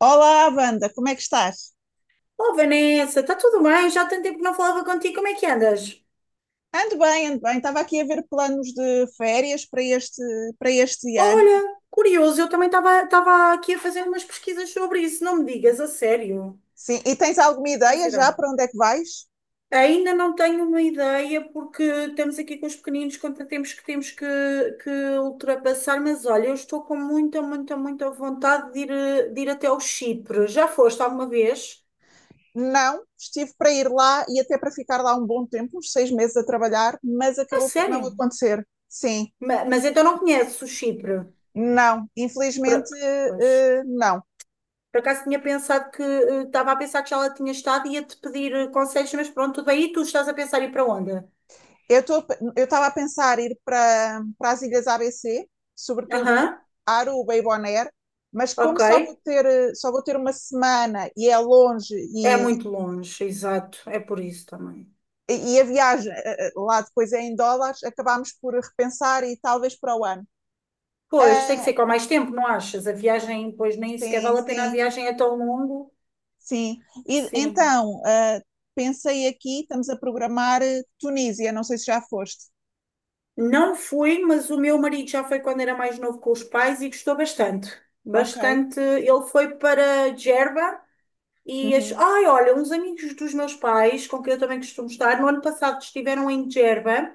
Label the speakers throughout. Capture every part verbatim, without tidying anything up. Speaker 1: Olá, Wanda, como é que estás?
Speaker 2: Oh, Vanessa, está tudo bem? Já há tanto tempo que não falava contigo, como é que andas?
Speaker 1: Ando bem, ando bem. Estava aqui a ver planos de férias para este, para este ano.
Speaker 2: Olha, curioso, eu também estava estava aqui a fazer umas pesquisas sobre isso, não me digas, a sério.
Speaker 1: Sim, e tens alguma ideia já
Speaker 2: Curiosidade.
Speaker 1: para onde é que vais?
Speaker 2: Ainda não tenho uma ideia, porque estamos aqui com os pequeninos, quanto temos que temos que, que ultrapassar, mas olha, eu estou com muita, muita, muita vontade de ir, eh, de ir até ao Chipre. Já foste alguma vez?
Speaker 1: Não, estive para ir lá e até para ficar lá um bom tempo, uns seis meses a trabalhar, mas
Speaker 2: A
Speaker 1: acabou por não
Speaker 2: sério?
Speaker 1: acontecer. Sim,
Speaker 2: Ma- Mas, então não conheces o Chipre?
Speaker 1: não, infelizmente,
Speaker 2: Por- Pois.
Speaker 1: eh, eh, não.
Speaker 2: Por acaso tinha pensado que eh, estava a pensar que já lá tinha estado e ia-te pedir eh, conselhos, mas pronto, tudo tu estás a pensar ir para onde?
Speaker 1: Eu estou, eu estava a pensar ir para para as ilhas A B C,
Speaker 2: Aham,
Speaker 1: sobretudo Aruba e Bonaire, mas como
Speaker 2: ok.
Speaker 1: só vou ter eh, só vou ter uma semana e é longe
Speaker 2: É
Speaker 1: e
Speaker 2: muito longe, exato. É por isso também.
Speaker 1: e a viagem eh, eh, lá depois é em dólares, acabámos por repensar e talvez para o ano.
Speaker 2: Pois, tem que
Speaker 1: Ah,
Speaker 2: ser com mais tempo, não achas? A viagem, pois nem sequer
Speaker 1: sim,
Speaker 2: vale a pena, a
Speaker 1: sim,
Speaker 2: viagem é tão longo.
Speaker 1: sim. E
Speaker 2: Sim.
Speaker 1: então, ah, pensei aqui, estamos a programar eh, Tunísia, não sei se já foste.
Speaker 2: Não fui, mas o meu marido já foi quando era mais novo com os pais e gostou bastante.
Speaker 1: Ok.
Speaker 2: Bastante. Ele foi para Gerba. E as...
Speaker 1: Uhum.
Speaker 2: Ai, olha, uns amigos dos meus pais, com quem eu também costumo estar, no ano passado estiveram em Djerba,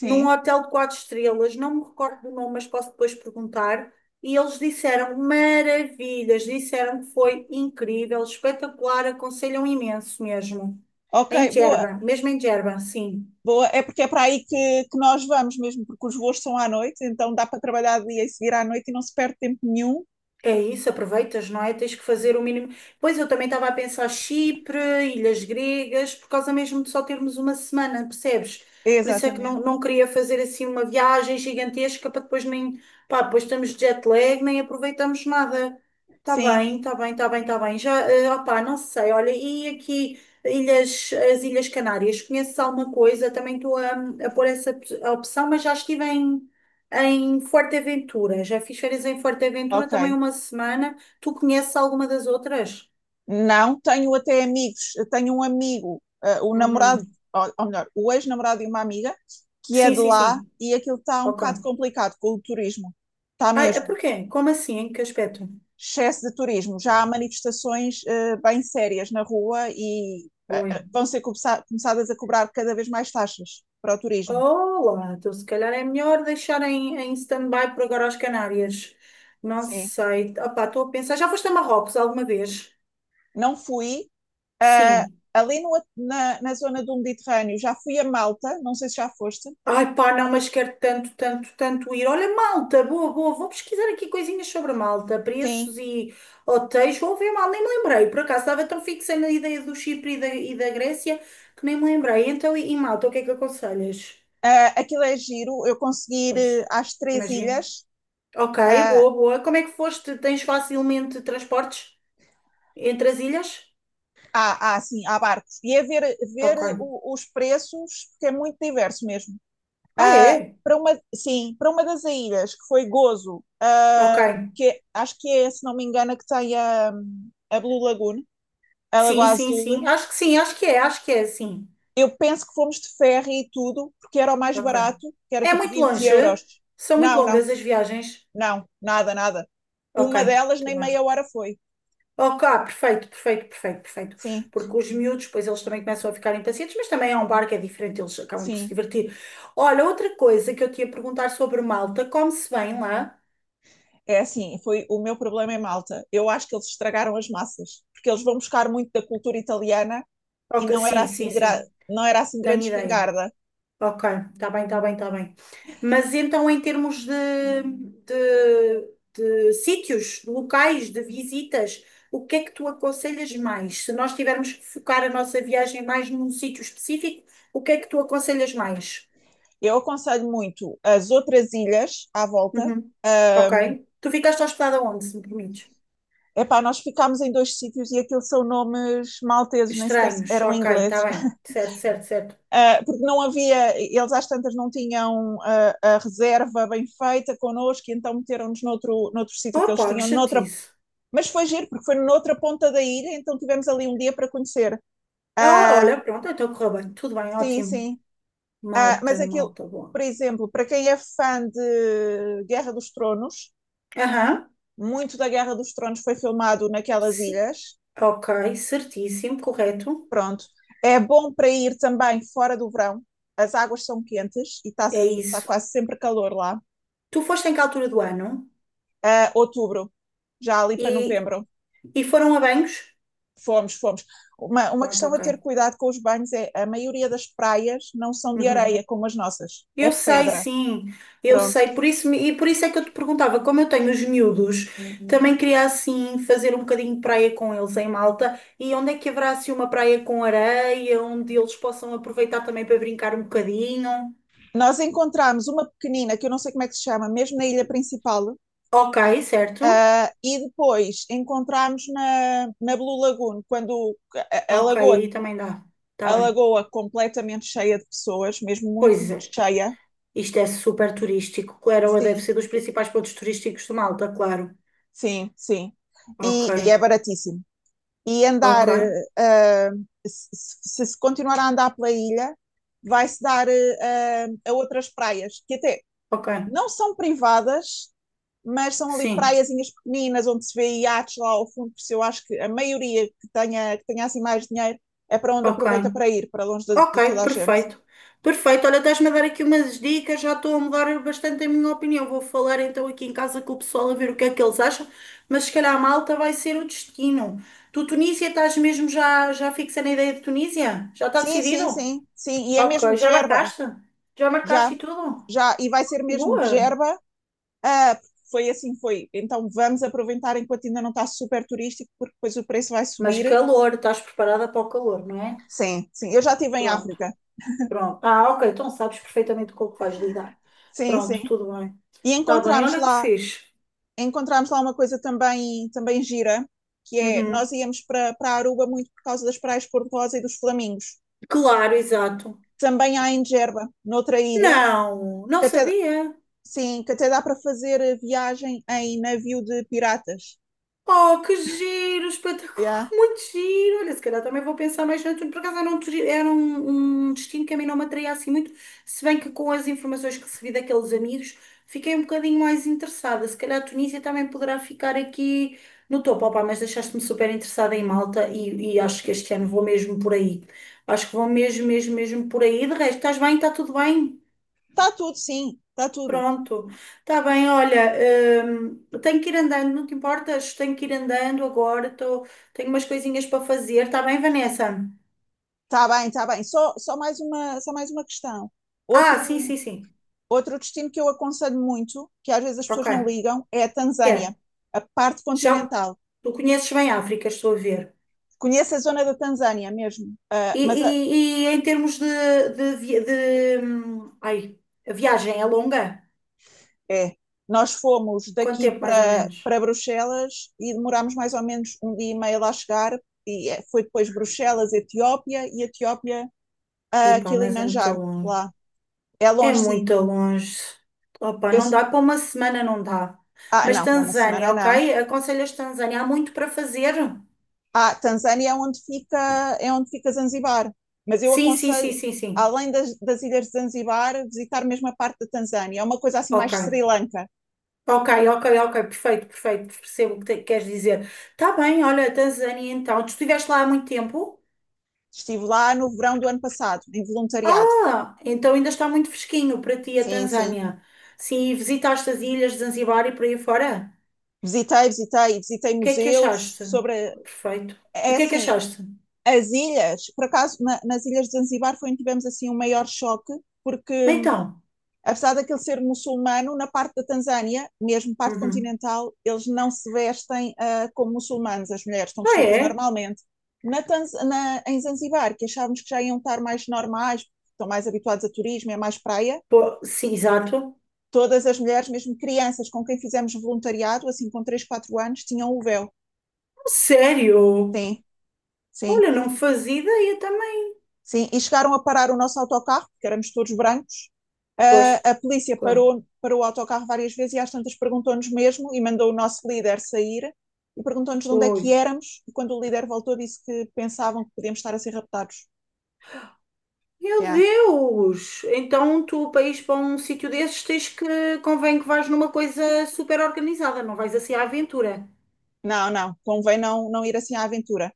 Speaker 2: num hotel de quatro estrelas, não me recordo do nome, mas posso depois perguntar. E eles disseram maravilhas, disseram que foi incrível, espetacular, aconselham imenso mesmo.
Speaker 1: Ok,
Speaker 2: Em
Speaker 1: boa.
Speaker 2: Djerba, mesmo em Djerba, sim.
Speaker 1: Boa, é porque é para aí que, que nós vamos mesmo, porque os voos são à noite, então dá para trabalhar de dia e seguir à noite e não se perde tempo nenhum.
Speaker 2: É isso, aproveitas, não é? Tens que fazer o mínimo. Pois eu também estava a pensar Chipre, Ilhas Gregas, por causa mesmo de só termos uma semana, percebes? Por isso é que não,
Speaker 1: Exatamente.
Speaker 2: não queria fazer assim uma viagem gigantesca para depois nem. Pá, depois estamos de jet lag, nem aproveitamos nada. Está
Speaker 1: Sim,
Speaker 2: bem, está bem, está bem, está bem. Já, eh, opá, não sei, olha, e aqui ilhas, as Ilhas Canárias, conheces alguma coisa? Também estou a, a pôr essa op- a opção, mas já estive em. Em Forteventura, já fiz férias em Forteventura
Speaker 1: ok.
Speaker 2: também uma semana. Tu conheces alguma das outras?
Speaker 1: Não, tenho até amigos. Eu tenho um amigo, eh, o namorado,
Speaker 2: Uhum.
Speaker 1: ou, ou melhor, o ex-namorado de uma amiga, que é
Speaker 2: Sim,
Speaker 1: de
Speaker 2: sim,
Speaker 1: lá
Speaker 2: sim.
Speaker 1: e aquilo está um
Speaker 2: Ok.
Speaker 1: bocado complicado com o turismo. Está
Speaker 2: Ai, é
Speaker 1: mesmo.
Speaker 2: porquê? Como assim? Em que aspecto?
Speaker 1: Excesso de turismo. Já há manifestações eh, bem sérias na rua e eh,
Speaker 2: Oi.
Speaker 1: eh, vão ser começa- começadas a cobrar cada vez mais taxas para o turismo.
Speaker 2: Olá, então se calhar é melhor deixar em, em stand-by por agora as Canárias. Não
Speaker 1: Sim.
Speaker 2: sei. Opá, estou a pensar. Já foste a Marrocos alguma vez?
Speaker 1: Não fui. Uh,
Speaker 2: Sim.
Speaker 1: ali no, na, na zona do Mediterrâneo já fui a Malta, não sei se já foste.
Speaker 2: Ai pá, não, mas quero tanto, tanto, tanto ir. Olha, Malta, boa, boa, vou pesquisar aqui coisinhas sobre a Malta, preços
Speaker 1: Sim,
Speaker 2: e hotéis, vou ver mal, nem me lembrei, por acaso estava tão fixa na ideia do Chipre e da, e da Grécia que nem me lembrei. Então, e, e Malta, o que é que aconselhas?
Speaker 1: uh, aquilo é giro. Eu consegui ir
Speaker 2: Pois,
Speaker 1: eh, às três
Speaker 2: imagino.
Speaker 1: ilhas.
Speaker 2: Ok,
Speaker 1: uh,
Speaker 2: boa, boa. Como é que foste? Tens facilmente transportes entre as ilhas?
Speaker 1: há, há, assim, há barcos, e é ver, ver
Speaker 2: Ok.
Speaker 1: o, os preços, porque é muito diverso mesmo.
Speaker 2: Ah,
Speaker 1: Uh,
Speaker 2: é?
Speaker 1: para uma, sim, para uma das ilhas, que foi Gozo,
Speaker 2: Ok.
Speaker 1: uh, que é- acho que é, se não me engano, a que tem a, a Blue Lagoon, a Lagoa
Speaker 2: Sim, sim,
Speaker 1: Azul.
Speaker 2: sim. Acho que sim, acho que é, acho que é, sim.
Speaker 1: Eu penso que fomos de ferro e tudo, porque era o mais
Speaker 2: Ok.
Speaker 1: barato, que era
Speaker 2: É
Speaker 1: tipo
Speaker 2: muito
Speaker 1: 20
Speaker 2: longe?
Speaker 1: euros.
Speaker 2: São muito
Speaker 1: Não, não,
Speaker 2: longas as viagens?
Speaker 1: não, nada, nada.
Speaker 2: Ok,
Speaker 1: Uma delas
Speaker 2: tudo
Speaker 1: nem
Speaker 2: bem.
Speaker 1: meia hora foi.
Speaker 2: Ok, ah, perfeito, perfeito, perfeito, perfeito.
Speaker 1: Sim,
Speaker 2: Porque os miúdos, pois eles também começam a ficar impacientes, mas também é um bar que é diferente, eles acabam por se
Speaker 1: sim.
Speaker 2: divertir. Olha, outra coisa que eu te ia perguntar sobre Malta, come-se bem lá?
Speaker 1: É assim, foi o meu problema em Malta. Eu acho que eles estragaram as massas, porque eles vão buscar muito da cultura italiana e
Speaker 2: Ok,
Speaker 1: não era
Speaker 2: sim,
Speaker 1: assim,
Speaker 2: sim,
Speaker 1: gra-
Speaker 2: sim,
Speaker 1: não era assim
Speaker 2: tenho
Speaker 1: grande
Speaker 2: ideia.
Speaker 1: espingarda.
Speaker 2: Ok, está bem, está bem, está bem. Mas então, em termos de, de, de sítios, de locais, de visitas, o que é que tu aconselhas mais? Se nós tivermos que focar a nossa viagem mais num sítio específico, o que é que tu aconselhas mais?
Speaker 1: Eu aconselho muito as outras ilhas à volta.
Speaker 2: Uhum. Ok.
Speaker 1: Ahm,
Speaker 2: Tu ficaste hospedada onde, se me permites?
Speaker 1: epá, nós ficámos em dois sítios e aquilo são nomes malteses, nem sequer
Speaker 2: Estranhos,
Speaker 1: eram
Speaker 2: ok, está
Speaker 1: ingleses.
Speaker 2: bem. Certo, certo, certo.
Speaker 1: Uh, porque não havia, eles às tantas não tinham uh, a reserva bem feita connosco, e então meteram-nos noutro, noutro sítio que eles
Speaker 2: Opa, que
Speaker 1: tinham, noutra,
Speaker 2: chatice.
Speaker 1: mas foi giro, porque foi noutra ponta da ilha, então tivemos ali um dia para conhecer.
Speaker 2: Ah,
Speaker 1: Uh,
Speaker 2: olha, pronto, então correu bem. Tudo bem,
Speaker 1: sim,
Speaker 2: ótimo.
Speaker 1: sim. uh, mas
Speaker 2: Malta,
Speaker 1: aquilo,
Speaker 2: malta, boa.
Speaker 1: por exemplo, para quem é fã de Guerra dos Tronos,
Speaker 2: Aham.
Speaker 1: muito da Guerra dos Tronos foi filmado naquelas
Speaker 2: Sim.
Speaker 1: ilhas,
Speaker 2: Ok, certíssimo, correto.
Speaker 1: pronto. É bom para ir também fora do verão, as águas são quentes e está
Speaker 2: É
Speaker 1: tá
Speaker 2: isso.
Speaker 1: quase sempre calor lá.
Speaker 2: Tu foste em que altura do ano?
Speaker 1: uh, outubro, já ali para
Speaker 2: E,
Speaker 1: novembro.
Speaker 2: e foram a banhos?
Speaker 1: Fomos, fomos. Uma, uma
Speaker 2: Pronto,
Speaker 1: questão a
Speaker 2: ok.
Speaker 1: ter cuidado com os banhos é a maioria das praias não são de
Speaker 2: Uhum.
Speaker 1: areia como as nossas, é
Speaker 2: Eu sei,
Speaker 1: pedra.
Speaker 2: sim, eu
Speaker 1: Pronto.
Speaker 2: sei. Por isso, me- e por isso é que eu te perguntava, como eu tenho os miúdos, Uhum. Também queria assim fazer um bocadinho de praia com eles em Malta. E onde é que haverá assim uma praia com areia, onde eles possam aproveitar também para brincar um bocadinho?
Speaker 1: Nós encontramos uma pequenina, que eu não sei como é que se chama, mesmo na ilha principal.
Speaker 2: Ok, certo.
Speaker 1: Uh, e depois encontramos na, na Blue Lagoon, quando a, a,
Speaker 2: Ok,
Speaker 1: lagoa,
Speaker 2: aí também dá. Está
Speaker 1: a
Speaker 2: bem.
Speaker 1: lagoa completamente cheia de pessoas, mesmo
Speaker 2: Pois
Speaker 1: muito, muito
Speaker 2: é.
Speaker 1: cheia.
Speaker 2: Isto é super turístico. Claro, deve
Speaker 1: Sim,
Speaker 2: ser dos principais pontos turísticos de Malta, claro.
Speaker 1: sim, sim. E,
Speaker 2: Ok,
Speaker 1: e é baratíssimo. E andar,
Speaker 2: ok,
Speaker 1: uh, se, se continuar a andar pela ilha, vai-se dar uh, a outras praias, que até
Speaker 2: ok.
Speaker 1: não são privadas, mas são ali
Speaker 2: Sim,
Speaker 1: praiazinhas pequeninas, onde se vê iates lá ao fundo, por isso eu acho que a maioria que tenha, que tenha assim mais dinheiro é para onde
Speaker 2: ok.
Speaker 1: aproveita para ir, para longe de, de
Speaker 2: Ok,
Speaker 1: toda a gente.
Speaker 2: perfeito. Perfeito. Olha, estás-me a dar aqui umas dicas. Já estou a mudar bastante a minha opinião. Vou falar então aqui em casa com o pessoal a ver o que é que eles acham. Mas se calhar a Malta vai ser o destino. Tu, Tunísia, estás mesmo já, já fixa na ideia de Tunísia? Já está
Speaker 1: Sim, sim,
Speaker 2: decidido?
Speaker 1: sim, sim, e é mesmo
Speaker 2: Ok,
Speaker 1: de
Speaker 2: já
Speaker 1: Gerba,
Speaker 2: marcaste? Já marcaste
Speaker 1: já.
Speaker 2: e tudo?
Speaker 1: Já, e vai ser mesmo de
Speaker 2: Boa.
Speaker 1: Gerba. uh, foi assim, foi. Então vamos aproveitar enquanto ainda não está super turístico, porque depois o preço vai
Speaker 2: Mas
Speaker 1: subir.
Speaker 2: calor, estás preparada para o calor, não é?
Speaker 1: Sim, sim, eu já estive em
Speaker 2: Pronto,
Speaker 1: África.
Speaker 2: pronto. Ah, ok, então sabes perfeitamente com o que vais lidar.
Speaker 1: Sim, sim.
Speaker 2: Pronto, tudo bem.
Speaker 1: E
Speaker 2: Está bem,
Speaker 1: encontramos
Speaker 2: olha que
Speaker 1: lá,
Speaker 2: fixe.
Speaker 1: encontramos lá uma coisa também, também gira, que é,
Speaker 2: Uhum.
Speaker 1: nós íamos para para Aruba muito por causa das praias cor-de-rosa e dos flamingos.
Speaker 2: Claro, exato.
Speaker 1: Também há em Gerba, noutra ilha,
Speaker 2: Não, não
Speaker 1: que até,
Speaker 2: sabia.
Speaker 1: sim, que até dá para fazer viagem em navio de piratas.
Speaker 2: Oh, que giro, espetacular,
Speaker 1: Yeah.
Speaker 2: muito giro. Olha, se calhar também vou pensar mais no tudo. Por acaso era um, turi- era um, um destino que a mim não me atraía assim muito, se bem que com as informações que recebi daqueles amigos, fiquei um bocadinho mais interessada. Se calhar a Tunísia também poderá ficar aqui no topo. Opa, mas deixaste-me super interessada em Malta e, e acho que este ano vou mesmo por aí. Acho que vou mesmo, mesmo, mesmo por aí. De resto, estás bem? Está tudo bem?
Speaker 1: Está tudo, sim, está tudo.
Speaker 2: Pronto, está bem, olha, hum, tenho que ir andando, não te importas? Tenho que ir andando agora, tô, tenho umas coisinhas para fazer, está bem, Vanessa?
Speaker 1: Está bem, está bem. Só, só mais uma, só mais uma questão.
Speaker 2: Ah, sim,
Speaker 1: Outro,
Speaker 2: sim, sim,
Speaker 1: outro destino que eu aconselho muito, que às vezes as
Speaker 2: ok,
Speaker 1: pessoas não ligam, é a
Speaker 2: que
Speaker 1: Tanzânia,
Speaker 2: é,
Speaker 1: a parte
Speaker 2: já,
Speaker 1: continental.
Speaker 2: tu conheces bem a África, estou a ver,
Speaker 1: Conheço a zona da Tanzânia mesmo, ah,
Speaker 2: e,
Speaker 1: mas a-
Speaker 2: e- e em termos de, de, vi- de, hum, ai, a viagem é longa?
Speaker 1: é. Nós fomos
Speaker 2: Quanto
Speaker 1: daqui
Speaker 2: tempo mais ou
Speaker 1: para
Speaker 2: menos?
Speaker 1: para Bruxelas e demorámos mais ou menos um dia e meio lá chegar, e é- foi depois Bruxelas, Etiópia e Etiópia
Speaker 2: Ih
Speaker 1: a
Speaker 2: pá, mas é muito
Speaker 1: Kilimanjaro,
Speaker 2: longe.
Speaker 1: lá. É
Speaker 2: É
Speaker 1: longe, sim.
Speaker 2: muito longe. Opa,
Speaker 1: Eu,
Speaker 2: não
Speaker 1: s-
Speaker 2: dá, para uma semana não dá.
Speaker 1: ah,
Speaker 2: Mas
Speaker 1: não, para uma
Speaker 2: Tanzânia,
Speaker 1: semana não.
Speaker 2: ok? Aconselhas Tanzânia, há muito para fazer?
Speaker 1: Ah, Tanzânia é onde fica, é onde fica Zanzibar. Mas eu
Speaker 2: Sim, sim,
Speaker 1: aconselho,
Speaker 2: sim, sim, sim.
Speaker 1: além das, das ilhas de Zanzibar, visitar mesmo a parte da Tanzânia. É uma coisa assim mais Sri
Speaker 2: Ok.
Speaker 1: Lanka.
Speaker 2: Ok, ok, ok, perfeito, perfeito, percebo o que te- queres dizer. Tá bem, olha, Tanzânia então, tu estiveste lá há muito tempo?
Speaker 1: Estive lá no verão do ano passado, em voluntariado.
Speaker 2: Ah, então ainda está muito fresquinho para ti a
Speaker 1: Sim, sim.
Speaker 2: Tanzânia. Sim, visitaste as ilhas de Zanzibar e por aí fora?
Speaker 1: Visitei, visitei, visitei
Speaker 2: O que é que
Speaker 1: museus
Speaker 2: achaste?
Speaker 1: sobre.
Speaker 2: Perfeito. E o
Speaker 1: É
Speaker 2: que é que
Speaker 1: assim,
Speaker 2: achaste?
Speaker 1: as ilhas, por acaso, na, nas ilhas de Zanzibar foi onde tivemos assim um maior choque, porque
Speaker 2: Então.
Speaker 1: apesar daquele ser muçulmano, na parte da Tanzânia, mesmo parte
Speaker 2: Uhum.
Speaker 1: continental, eles não se vestem uh, como muçulmanos, as mulheres estão
Speaker 2: Ah,
Speaker 1: vestidas
Speaker 2: é?
Speaker 1: normalmente. Na, Tanz... na em Zanzibar, que achávamos que já iam estar mais normais, estão mais habituados a turismo, é mais praia,
Speaker 2: Pô, sim, exato.
Speaker 1: todas as mulheres, mesmo crianças com quem fizemos voluntariado, assim com três quatro anos, tinham o véu.
Speaker 2: Sério?
Speaker 1: Sim, sim.
Speaker 2: Olha, não fazia ideia também.
Speaker 1: Sim, e chegaram a parar o nosso autocarro, porque éramos todos brancos.
Speaker 2: Pois,
Speaker 1: Ah, a polícia
Speaker 2: claro.
Speaker 1: parou, parou o autocarro várias vezes e às tantas perguntou-nos mesmo e mandou o nosso líder sair e perguntou-nos de onde é
Speaker 2: Oi.
Speaker 1: que éramos. E quando o líder voltou, disse que pensavam que podíamos estar a ser raptados.
Speaker 2: Meu
Speaker 1: Yeah.
Speaker 2: Deus! Então tu, para ires para um sítio desses, tens que, convém que vais numa coisa super organizada, não vais assim à aventura.
Speaker 1: Não, não, convém não, não ir assim à aventura.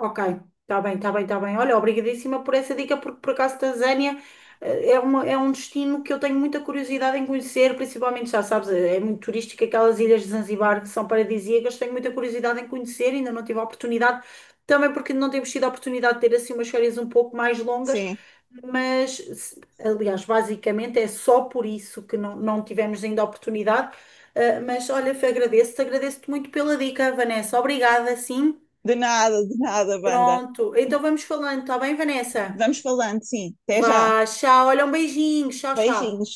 Speaker 2: Ok, está bem, está bem, está bem. Olha, obrigadíssima por essa dica, porque por acaso Tanzânia eh, é, uma, é um destino que eu tenho muita curiosidade em conhecer, principalmente, já sabes, é é muito turístico, aquelas ilhas de Zanzibar que são paradisíacas, tenho muita curiosidade em conhecer, ainda não tive a oportunidade, também porque não temos tido a oportunidade de ter assim umas férias um pouco mais longas,
Speaker 1: Sim,
Speaker 2: mas, se- aliás, basicamente é só por isso que não, não tivemos ainda a oportunidade. Eh, mas olha, agradeço-te, agradeço-te muito pela dica, Vanessa. Obrigada, sim.
Speaker 1: de nada, de nada, banda.
Speaker 2: Pronto. Então vamos falando, tá bem, Vanessa?
Speaker 1: Vamos falando, sim. Até já.
Speaker 2: Vá, tchau. Olha, um beijinho. Tchau, tchau.
Speaker 1: Beijinhos.